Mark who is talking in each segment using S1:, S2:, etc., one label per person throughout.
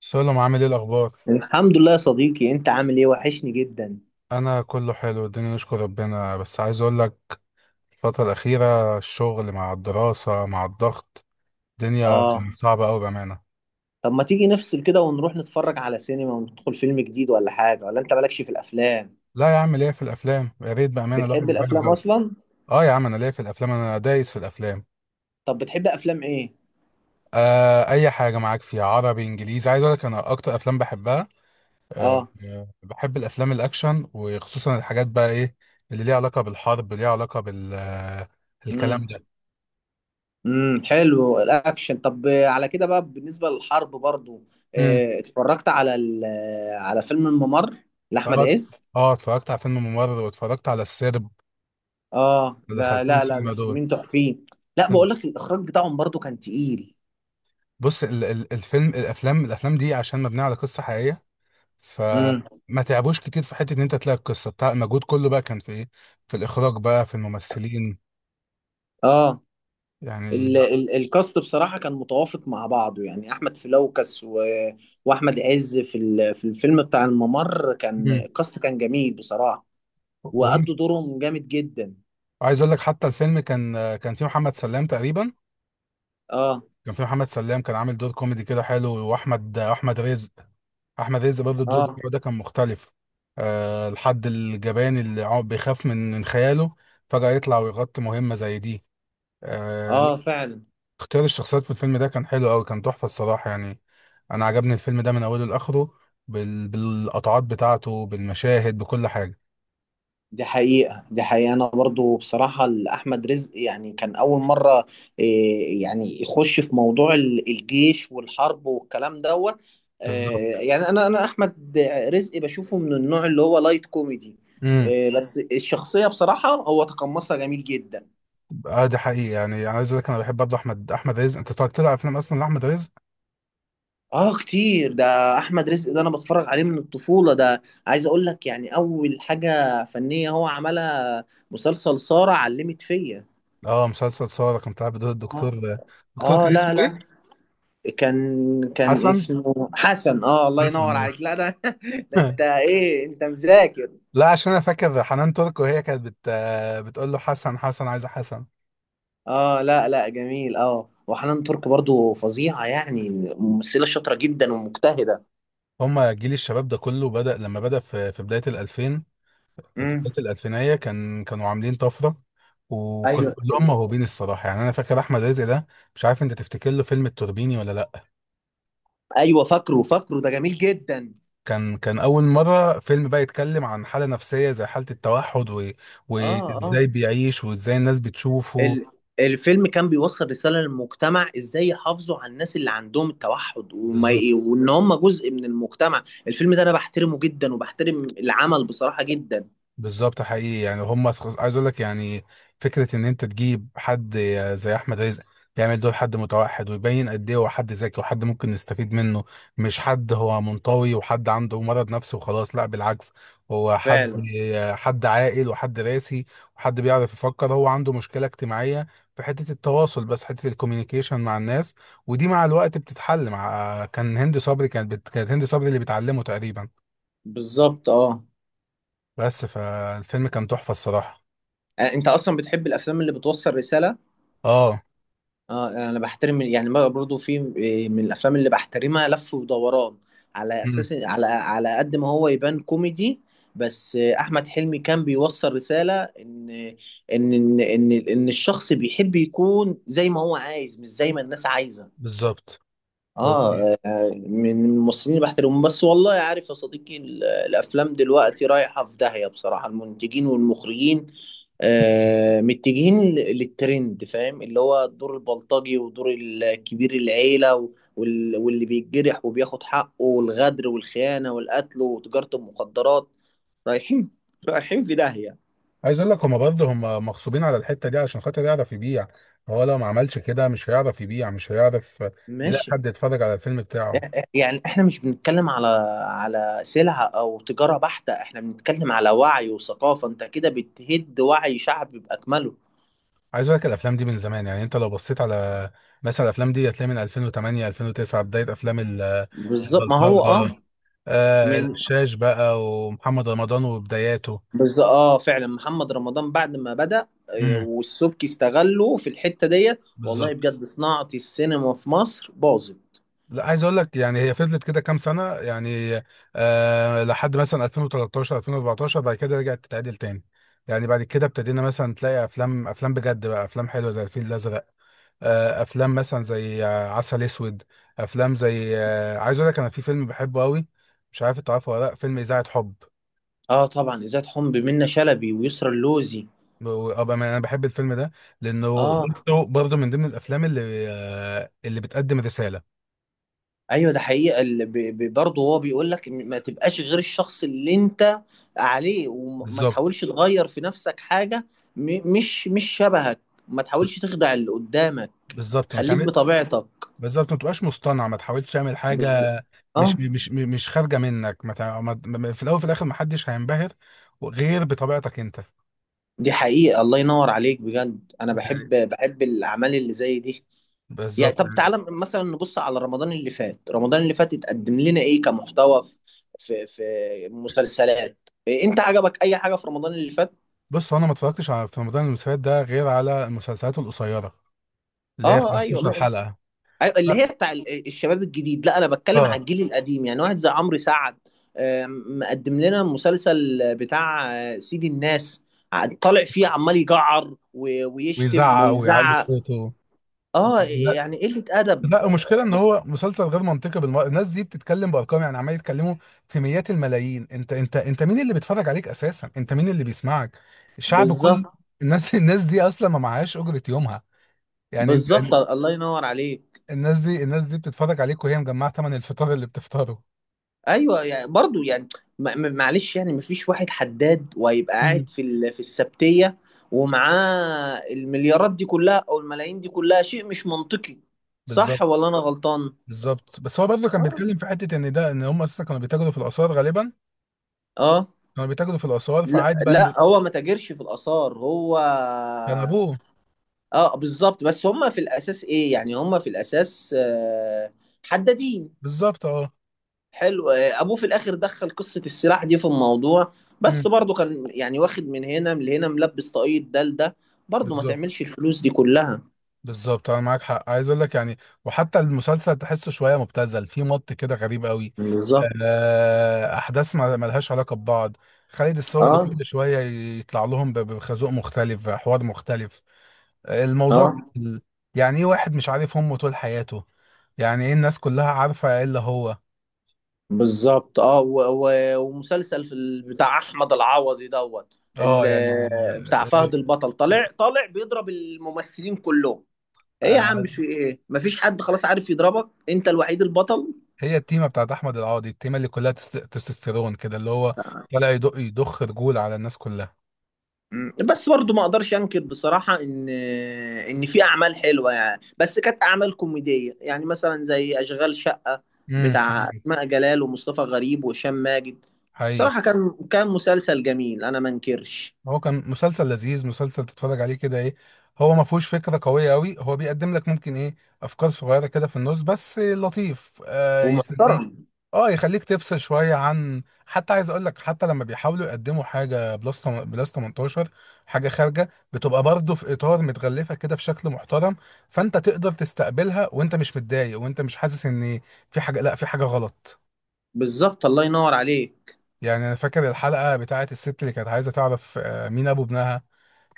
S1: سلام، عامل ايه الاخبار؟
S2: الحمد لله يا صديقي، انت عامل ايه؟ وحشني جدا.
S1: انا كله حلو، الدنيا نشكر ربنا. بس عايز اقول لك، الفتره الاخيره الشغل مع الدراسه مع الضغط الدنيا
S2: اه.
S1: صعبه قوي بامانه.
S2: طب ما تيجي نفصل كده ونروح نتفرج على سينما وندخل فيلم جديد ولا حاجة؟ ولا انت مالكش في الافلام؟
S1: لا يا عم، ليا في الافلام. يا ريت بامانه الواحد
S2: بتحب
S1: يغير
S2: الافلام
S1: جو.
S2: اصلا؟
S1: اه يا عم، انا ليا في الافلام، انا دايس في الافلام.
S2: طب بتحب افلام ايه؟
S1: اي حاجه، معاك فيها عربي انجليزي. عايز اقول لك انا اكتر افلام بحبها،
S2: اه.
S1: بحب الافلام الاكشن، وخصوصا الحاجات بقى ايه اللي ليها علاقه بالحرب، ليها علاقه بال
S2: امم
S1: الكلام
S2: حلو الاكشن. طب على كده بقى بالنسبة للحرب برضو.
S1: ده.
S2: اه. اتفرجت على على فيلم الممر لاحمد
S1: اه
S2: عز.
S1: اه اتفرجت على فيلم ممر واتفرجت على السرب،
S2: اه،
S1: اللي
S2: ده
S1: دخلتهم
S2: لا لا،
S1: سينما
S2: ده
S1: دول.
S2: فيلمين تحفين. لا، بقول لك الاخراج بتاعهم برضو كان تقيل.
S1: بص، ال ال الفيلم الافلام الافلام دي عشان مبنيه على قصه حقيقيه،
S2: امم
S1: فما تعبوش كتير في حته ان انت تلاقي القصه بتاع المجهود كله بقى كان في ايه، في الاخراج بقى في الممثلين
S2: اه.
S1: يعني.
S2: الكاست بصراحة كان متوافق مع بعضه، يعني أحمد فلوكس و... وأحمد عز في الفيلم بتاع الممر كان
S1: مم.
S2: الكاست كان جميل بصراحة.
S1: هم.
S2: وأدوا دورهم جامد جدا.
S1: عايز اقول لك حتى الفيلم كان فيه محمد سلام تقريبا،
S2: اه
S1: كان فيه محمد سلام، كان عامل دور كوميدي كده حلو. واحمد احمد رزق، احمد عز برضه الدور
S2: اه.
S1: بتاعه ده كان مختلف. أه الحد الجبان اللي عم بيخاف من خياله فجأة يطلع ويغطي مهمة زي دي. أه لا،
S2: اه فعلا.
S1: اختيار الشخصيات في الفيلم ده كان حلو قوي، كان تحفة الصراحة يعني. انا عجبني الفيلم ده من اوله لاخره، بالقطعات بتاعته بالمشاهد بكل حاجة.
S2: دي حقيقة دي حقيقة، أنا برضو بصراحة أحمد رزق يعني كان أول مرة، إيه، يعني يخش في موضوع الجيش والحرب والكلام دوت.
S1: بالظبط.
S2: يعني أنا أحمد رزق بشوفه من النوع اللي هو لايت كوميدي.
S1: امم
S2: بس الشخصية بصراحة هو تقمصها جميل جدا.
S1: اه ده حقيقي يعني، انا عايز اقول لك انا بحب برضه احمد رزق. انت اتفرجت له على افلام اصلا لاحمد رزق؟
S2: كتير، ده أحمد رزق ده أنا بتفرج عليه من الطفولة ده. عايز أقول لك يعني أول حاجة فنية هو عملها مسلسل سارة علمت فيا.
S1: اه، مسلسل صورة كان طالع بدور الدكتور.
S2: آه.
S1: دكتور كان
S2: لا
S1: اسمه
S2: لا،
S1: ايه؟
S2: كان
S1: حسن،
S2: اسمه حسن. اه الله
S1: حسن.
S2: ينور عليك، لا ده ده انت
S1: آه.
S2: ايه؟ انت مذاكر؟
S1: لا عشان انا فاكر حنان تركو هي كانت بتقول له حسن، حسن، عايزه حسن.
S2: اه لا لا، جميل. اه وحنان ترك برضو فظيعة يعني، ممثلة شاطرة جدا ومجتهدة.
S1: هما جيل الشباب ده كله بدأ لما بدأ في بدايه الألفين. في
S2: امم.
S1: بدايه الألفينية كانوا عاملين طفره.
S2: ايوه
S1: كلهم
S2: ايوه.
S1: موهوبين الصراحه يعني. انا فاكر احمد رزق ده، مش عارف انت تفتكر له فيلم التوربيني ولا لا.
S2: ايوه فاكره فاكره، ده جميل جدا.
S1: كان اول مره فيلم بقى يتكلم عن حاله نفسيه زي حاله التوحد
S2: اه اه.
S1: وازاي بيعيش وازاي الناس بتشوفه.
S2: ال الفيلم كان بيوصل رسالة للمجتمع، ازاي يحافظوا على الناس اللي عندهم التوحد،
S1: بالظبط،
S2: وان هم جزء من المجتمع. الفيلم ده انا بحترمه جدا وبحترم العمل بصراحة جدا.
S1: بالظبط حقيقي يعني. هم عايز اقول لك يعني فكره ان انت تجيب حد زي احمد رزق يعمل دور حد متوحد، ويبين قد ايه هو حد ذكي وحد ممكن نستفيد منه. مش حد هو منطوي وحد عنده مرض نفسي وخلاص، لا بالعكس. هو حد،
S2: فعلا.
S1: حد عاقل وحد راسي وحد بيعرف يفكر. هو عنده مشكله اجتماعيه في حته التواصل، بس حته الكوميونيكيشن مع الناس، ودي مع الوقت بتتحل. مع كان هند صبري كانت كانت هند صبري اللي بتعلمه تقريبا.
S2: بالظبط اه.
S1: بس فالفيلم كان تحفه الصراحه.
S2: انت اصلا بتحب الافلام اللي بتوصل رساله؟
S1: اه.
S2: اه انا بحترم يعني، ما برضو في من الافلام اللي بحترمها لف ودوران، على
S1: مم.
S2: اساس على قد ما هو يبان كوميدي، بس احمد حلمي كان بيوصل رساله إن الشخص بيحب يكون زي ما هو عايز، مش زي ما الناس عايزه.
S1: بالظبط. هو
S2: اه من الممثلين اللي بحترمهم. بس والله عارف يا صديقي، الافلام دلوقتي رايحه في داهيه بصراحه. المنتجين والمخرجين متجهين للترند، فاهم؟ اللي هو الدور البلطجي ودور الكبير العيله واللي بيتجرح وبياخد حقه، والغدر والخيانه والقتل وتجاره المخدرات. رايحين، رايحين في داهيه.
S1: عايز اقول لك، هما برضه هما مغصوبين على الحته دي علشان خاطر يعرف يبيع. هو لو ما عملش كده مش هيعرف يبيع، مش هيعرف يلاقي
S2: ماشي.
S1: حد يتفرج على الفيلم بتاعه.
S2: يعني احنا مش بنتكلم على على سلعة او تجارة بحتة، احنا بنتكلم على وعي وثقافة. انت كده بتهد وعي شعب بأكمله.
S1: عايز اقول لك الافلام دي من زمان يعني. انت لو بصيت على مثلا الافلام دي هتلاقي من 2008 2009 بدايه افلام
S2: بالظبط، ما هو اه
S1: البلطجه. آه
S2: من.
S1: الشاش بقى، ومحمد رمضان وبداياته.
S2: بالظبط اه فعلا، محمد رمضان بعد ما بدأ
S1: امم.
S2: والسبكي استغله في الحتة ديت، والله
S1: بالظبط.
S2: بجد صناعة السينما في مصر باظت.
S1: لا عايز اقول لك يعني، هي فضلت كده كام سنه يعني لحد مثلا 2013 2014. بعد كده رجعت تتعدل تاني. يعني بعد كده ابتدينا مثلا تلاقي افلام، افلام بجد بقى، افلام حلوه زي الفيل الازرق، آه افلام مثلا زي عسل اسود، افلام زي عايز اقول لك انا في فيلم بحبه قوي، مش عارف انت عارفه ولا لا، فيلم اذاعه حب.
S2: اه طبعا، إذاعة حمب منة شلبي ويسرا اللوزي.
S1: انا بحب الفيلم ده، لانه
S2: اه
S1: برضه من ضمن الافلام اللي اللي بتقدم رساله.
S2: ايوه، ده حقيقه. برضه هو بيقول لك إن ما تبقاش غير الشخص اللي انت عليه، وما
S1: بالظبط.
S2: تحاولش تغير في نفسك حاجه. مش شبهك، ما تحاولش تخدع اللي قدامك.
S1: بالظبط
S2: خليك
S1: ما
S2: بطبيعتك.
S1: بالظبط ما تبقاش مصطنع، ما تحاولش تعمل حاجه
S2: بالظبط
S1: مش
S2: اه.
S1: مش مش خارجه منك. ما تع- ما- ما- في الاول وفي الاخر ما حدش هينبهر غير بطبيعتك انت.
S2: دي حقيقه، الله ينور عليك بجد. انا بحب
S1: يعني،
S2: بحب الاعمال اللي زي دي. يعني
S1: بالظبط
S2: طب
S1: يعني.
S2: تعالى مثلا نبص على رمضان اللي فات. رمضان اللي فات اتقدم لنا ايه كمحتوى في في مسلسلات؟ إيه، انت عجبك اي حاجه في رمضان اللي فات؟
S1: بص هو انا ما اتفرجتش على في رمضان المسلسلات ده غير على المسلسلات القصيره اللي هي
S2: اه ايوه
S1: 15 حلقه.
S2: ايوه، اللي هي بتاع الشباب الجديد. لا، انا بتكلم على
S1: اه،
S2: الجيل القديم، يعني واحد زي عمرو سعد مقدم لنا مسلسل بتاع سيد الناس. طالع فيه عمال يجعر ويشتم
S1: ويزعق ويعلي
S2: ويزعق.
S1: صوته.
S2: اه يعني قلة ادب.
S1: لا المشكله ان
S2: بس-
S1: هو مسلسل غير منطقي بالمره. الناس دي بتتكلم بارقام، يعني عمال يتكلموا في مئات الملايين. انت انت انت مين اللي بيتفرج عليك اساسا؟ انت مين اللي بيسمعك؟ الشعب كل
S2: بالظبط،
S1: الناس. الناس دي اصلا ما معهاش اجره يومها يعني. انت
S2: بالظبط الله ينور عليك.
S1: الناس دي، الناس دي بتتفرج عليك وهي مجمعه ثمن الفطار اللي بتفطره.
S2: ايوه يعني برضو يعني، معلش يعني، مفيش واحد حداد وهيبقى
S1: امم.
S2: قاعد في في السبتيه ومعاه المليارات دي كلها او الملايين دي كلها. شيء مش منطقي.
S1: بالظبط،
S2: صح ولا انا غلطان؟
S1: بالظبط. بس هو برضه كان
S2: اه
S1: بيتكلم في حته ان ده، ان هم اساسا كانوا بيتاجروا في الاثار غالبا.
S2: اه.
S1: كانوا بيتاجروا في الاثار،
S2: لا
S1: فعادي بقى ان
S2: لا، هو ما تاجرش في الاثار، هو
S1: كان ابوه.
S2: اه بالظبط، بس هم في الاساس ايه يعني، هم في الاساس حدادين.
S1: بالظبط اه.
S2: حلو. ابوه في الاخر دخل قصه السلاح دي في الموضوع، بس
S1: امم.
S2: برضه كان يعني واخد من هنا من هنا، ملبس طاقية ده لده. برضه ما
S1: بالظبط،
S2: تعملش الفلوس دي كلها.
S1: بالظبط انا معاك حق. عايز اقول لك يعني، وحتى المسلسل تحسه شويه مبتذل، فيه مط كده غريب قوي.
S2: بالظبط
S1: احداث ما لهاش علاقه ببعض. خالد الصاوي اللي
S2: اه.
S1: كل شويه يطلع لهم بخازوق مختلف، حوار مختلف. الموضوع
S2: اه
S1: ال- يعني ايه واحد مش عارف امه طول حياته؟ يعني ايه الناس كلها عارفه الا هو؟
S2: بالظبط اه ومسلسل في بتاع احمد العوضي دوت،
S1: اه يعني،
S2: بتاع فهد البطل، طالع بيضرب الممثلين كلهم. ايه يا عم؟
S1: آه،
S2: في ايه؟ مفيش حد خلاص عارف يضربك؟ انت الوحيد البطل.
S1: هي التيمه بتاعت احمد العوضي، التيمه اللي كلها تستوستيرون كده، اللي هو طالع يدق يضخ رجول على الناس كلها.
S2: بس برضو ما اقدرش انكر بصراحة ان ان في اعمال حلوة يعني، بس كانت اعمال كوميدية، يعني مثلا زي اشغال شقة
S1: امم.
S2: بتاع
S1: حقيقي،
S2: اسماء جلال ومصطفى غريب وهشام ماجد.
S1: حقيقي.
S2: صراحة كان مسلسل جميل، انا ما انكرش.
S1: هو كان مسلسل لذيذ، مسلسل تتفرج عليه كده ايه. هو ما فيهوش فكره قويه قوي، هو بيقدم لك ممكن ايه افكار صغيره كده في النص بس لطيف، يخليك.
S2: ومحترم.
S1: اه يخليك تفصل شويه عن. حتى عايز اقول لك حتى لما بيحاولوا يقدموا حاجه بلس بلس 18، حاجه خارجه، بتبقى برضه في اطار متغلفه كده في شكل محترم، فانت تقدر تستقبلها وانت مش متضايق وانت مش حاسس ان في حاجه، لا في حاجه غلط.
S2: بالظبط الله ينور عليك.
S1: يعني انا فاكر الحلقه بتاعت الست اللي كانت عايزه تعرف مين ابو ابنها.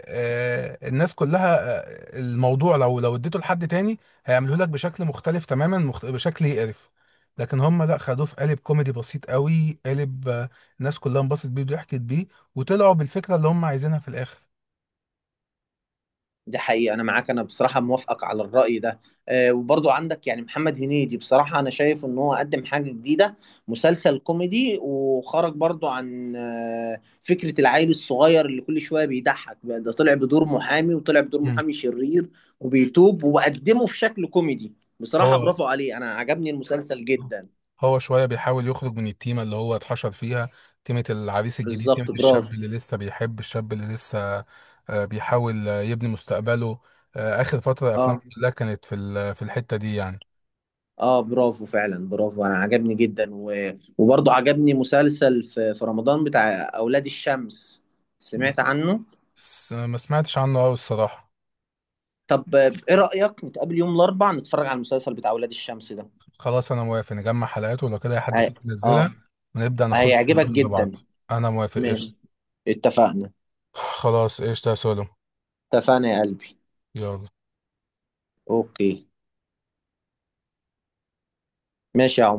S1: الناس كلها، الموضوع لو اديته لحد تاني هيعملوه لك بشكل مختلف تماما، بشكل يقرف. لكن هم لا، خدوه في قالب كوميدي بسيط قوي، قالب الناس كلها انبسطت بيه وضحكت بيه، وطلعوا بالفكره اللي هم عايزينها في الاخر.
S2: دي حقيقة أنا معاك، أنا بصراحة موافقك على الرأي ده. وبرضو عندك يعني محمد هنيدي، بصراحة أنا شايف إن هو قدم حاجة جديدة. مسلسل كوميدي، وخرج برضو عن فكرة العيل الصغير اللي كل شوية بيضحك، ده طلع بدور محامي، وطلع بدور
S1: مم.
S2: محامي شرير وبيتوب، وقدمه في شكل كوميدي. بصراحة
S1: هو،
S2: برافو عليه، أنا عجبني المسلسل جدا.
S1: هو شويه بيحاول يخرج من التيمه اللي هو اتحشر فيها. تيمه العريس الجديد، تيمه
S2: بالظبط
S1: الشاب
S2: برافو.
S1: اللي لسه بيحب، الشاب اللي لسه بيحاول يبني مستقبله. اخر فتره افلام
S2: اه
S1: كلها كانت في في الحته دي يعني.
S2: اه برافو، فعلا برافو، انا عجبني جدا و... وبرضه عجبني مسلسل في رمضان بتاع اولاد الشمس. سمعت عنه؟
S1: بس ما سمعتش عنه قوي الصراحة.
S2: طب ايه رأيك نتقابل يوم الاربعاء نتفرج على المسلسل بتاع اولاد الشمس ده؟
S1: خلاص انا موافق، نجمع حلقات ولو كده أي حد
S2: هي...
S1: فيك ينزلها،
S2: اه.
S1: ونبدأ ناخدهم
S2: هيعجبك
S1: كلهم لبعض.
S2: جدا.
S1: انا موافق قشطة.
S2: ماشي. اتفقنا.
S1: خلاص قشطة يا سولو.
S2: اتفقنا يا قلبي.
S1: يلا.
S2: اوكي. ماشي يا عمر.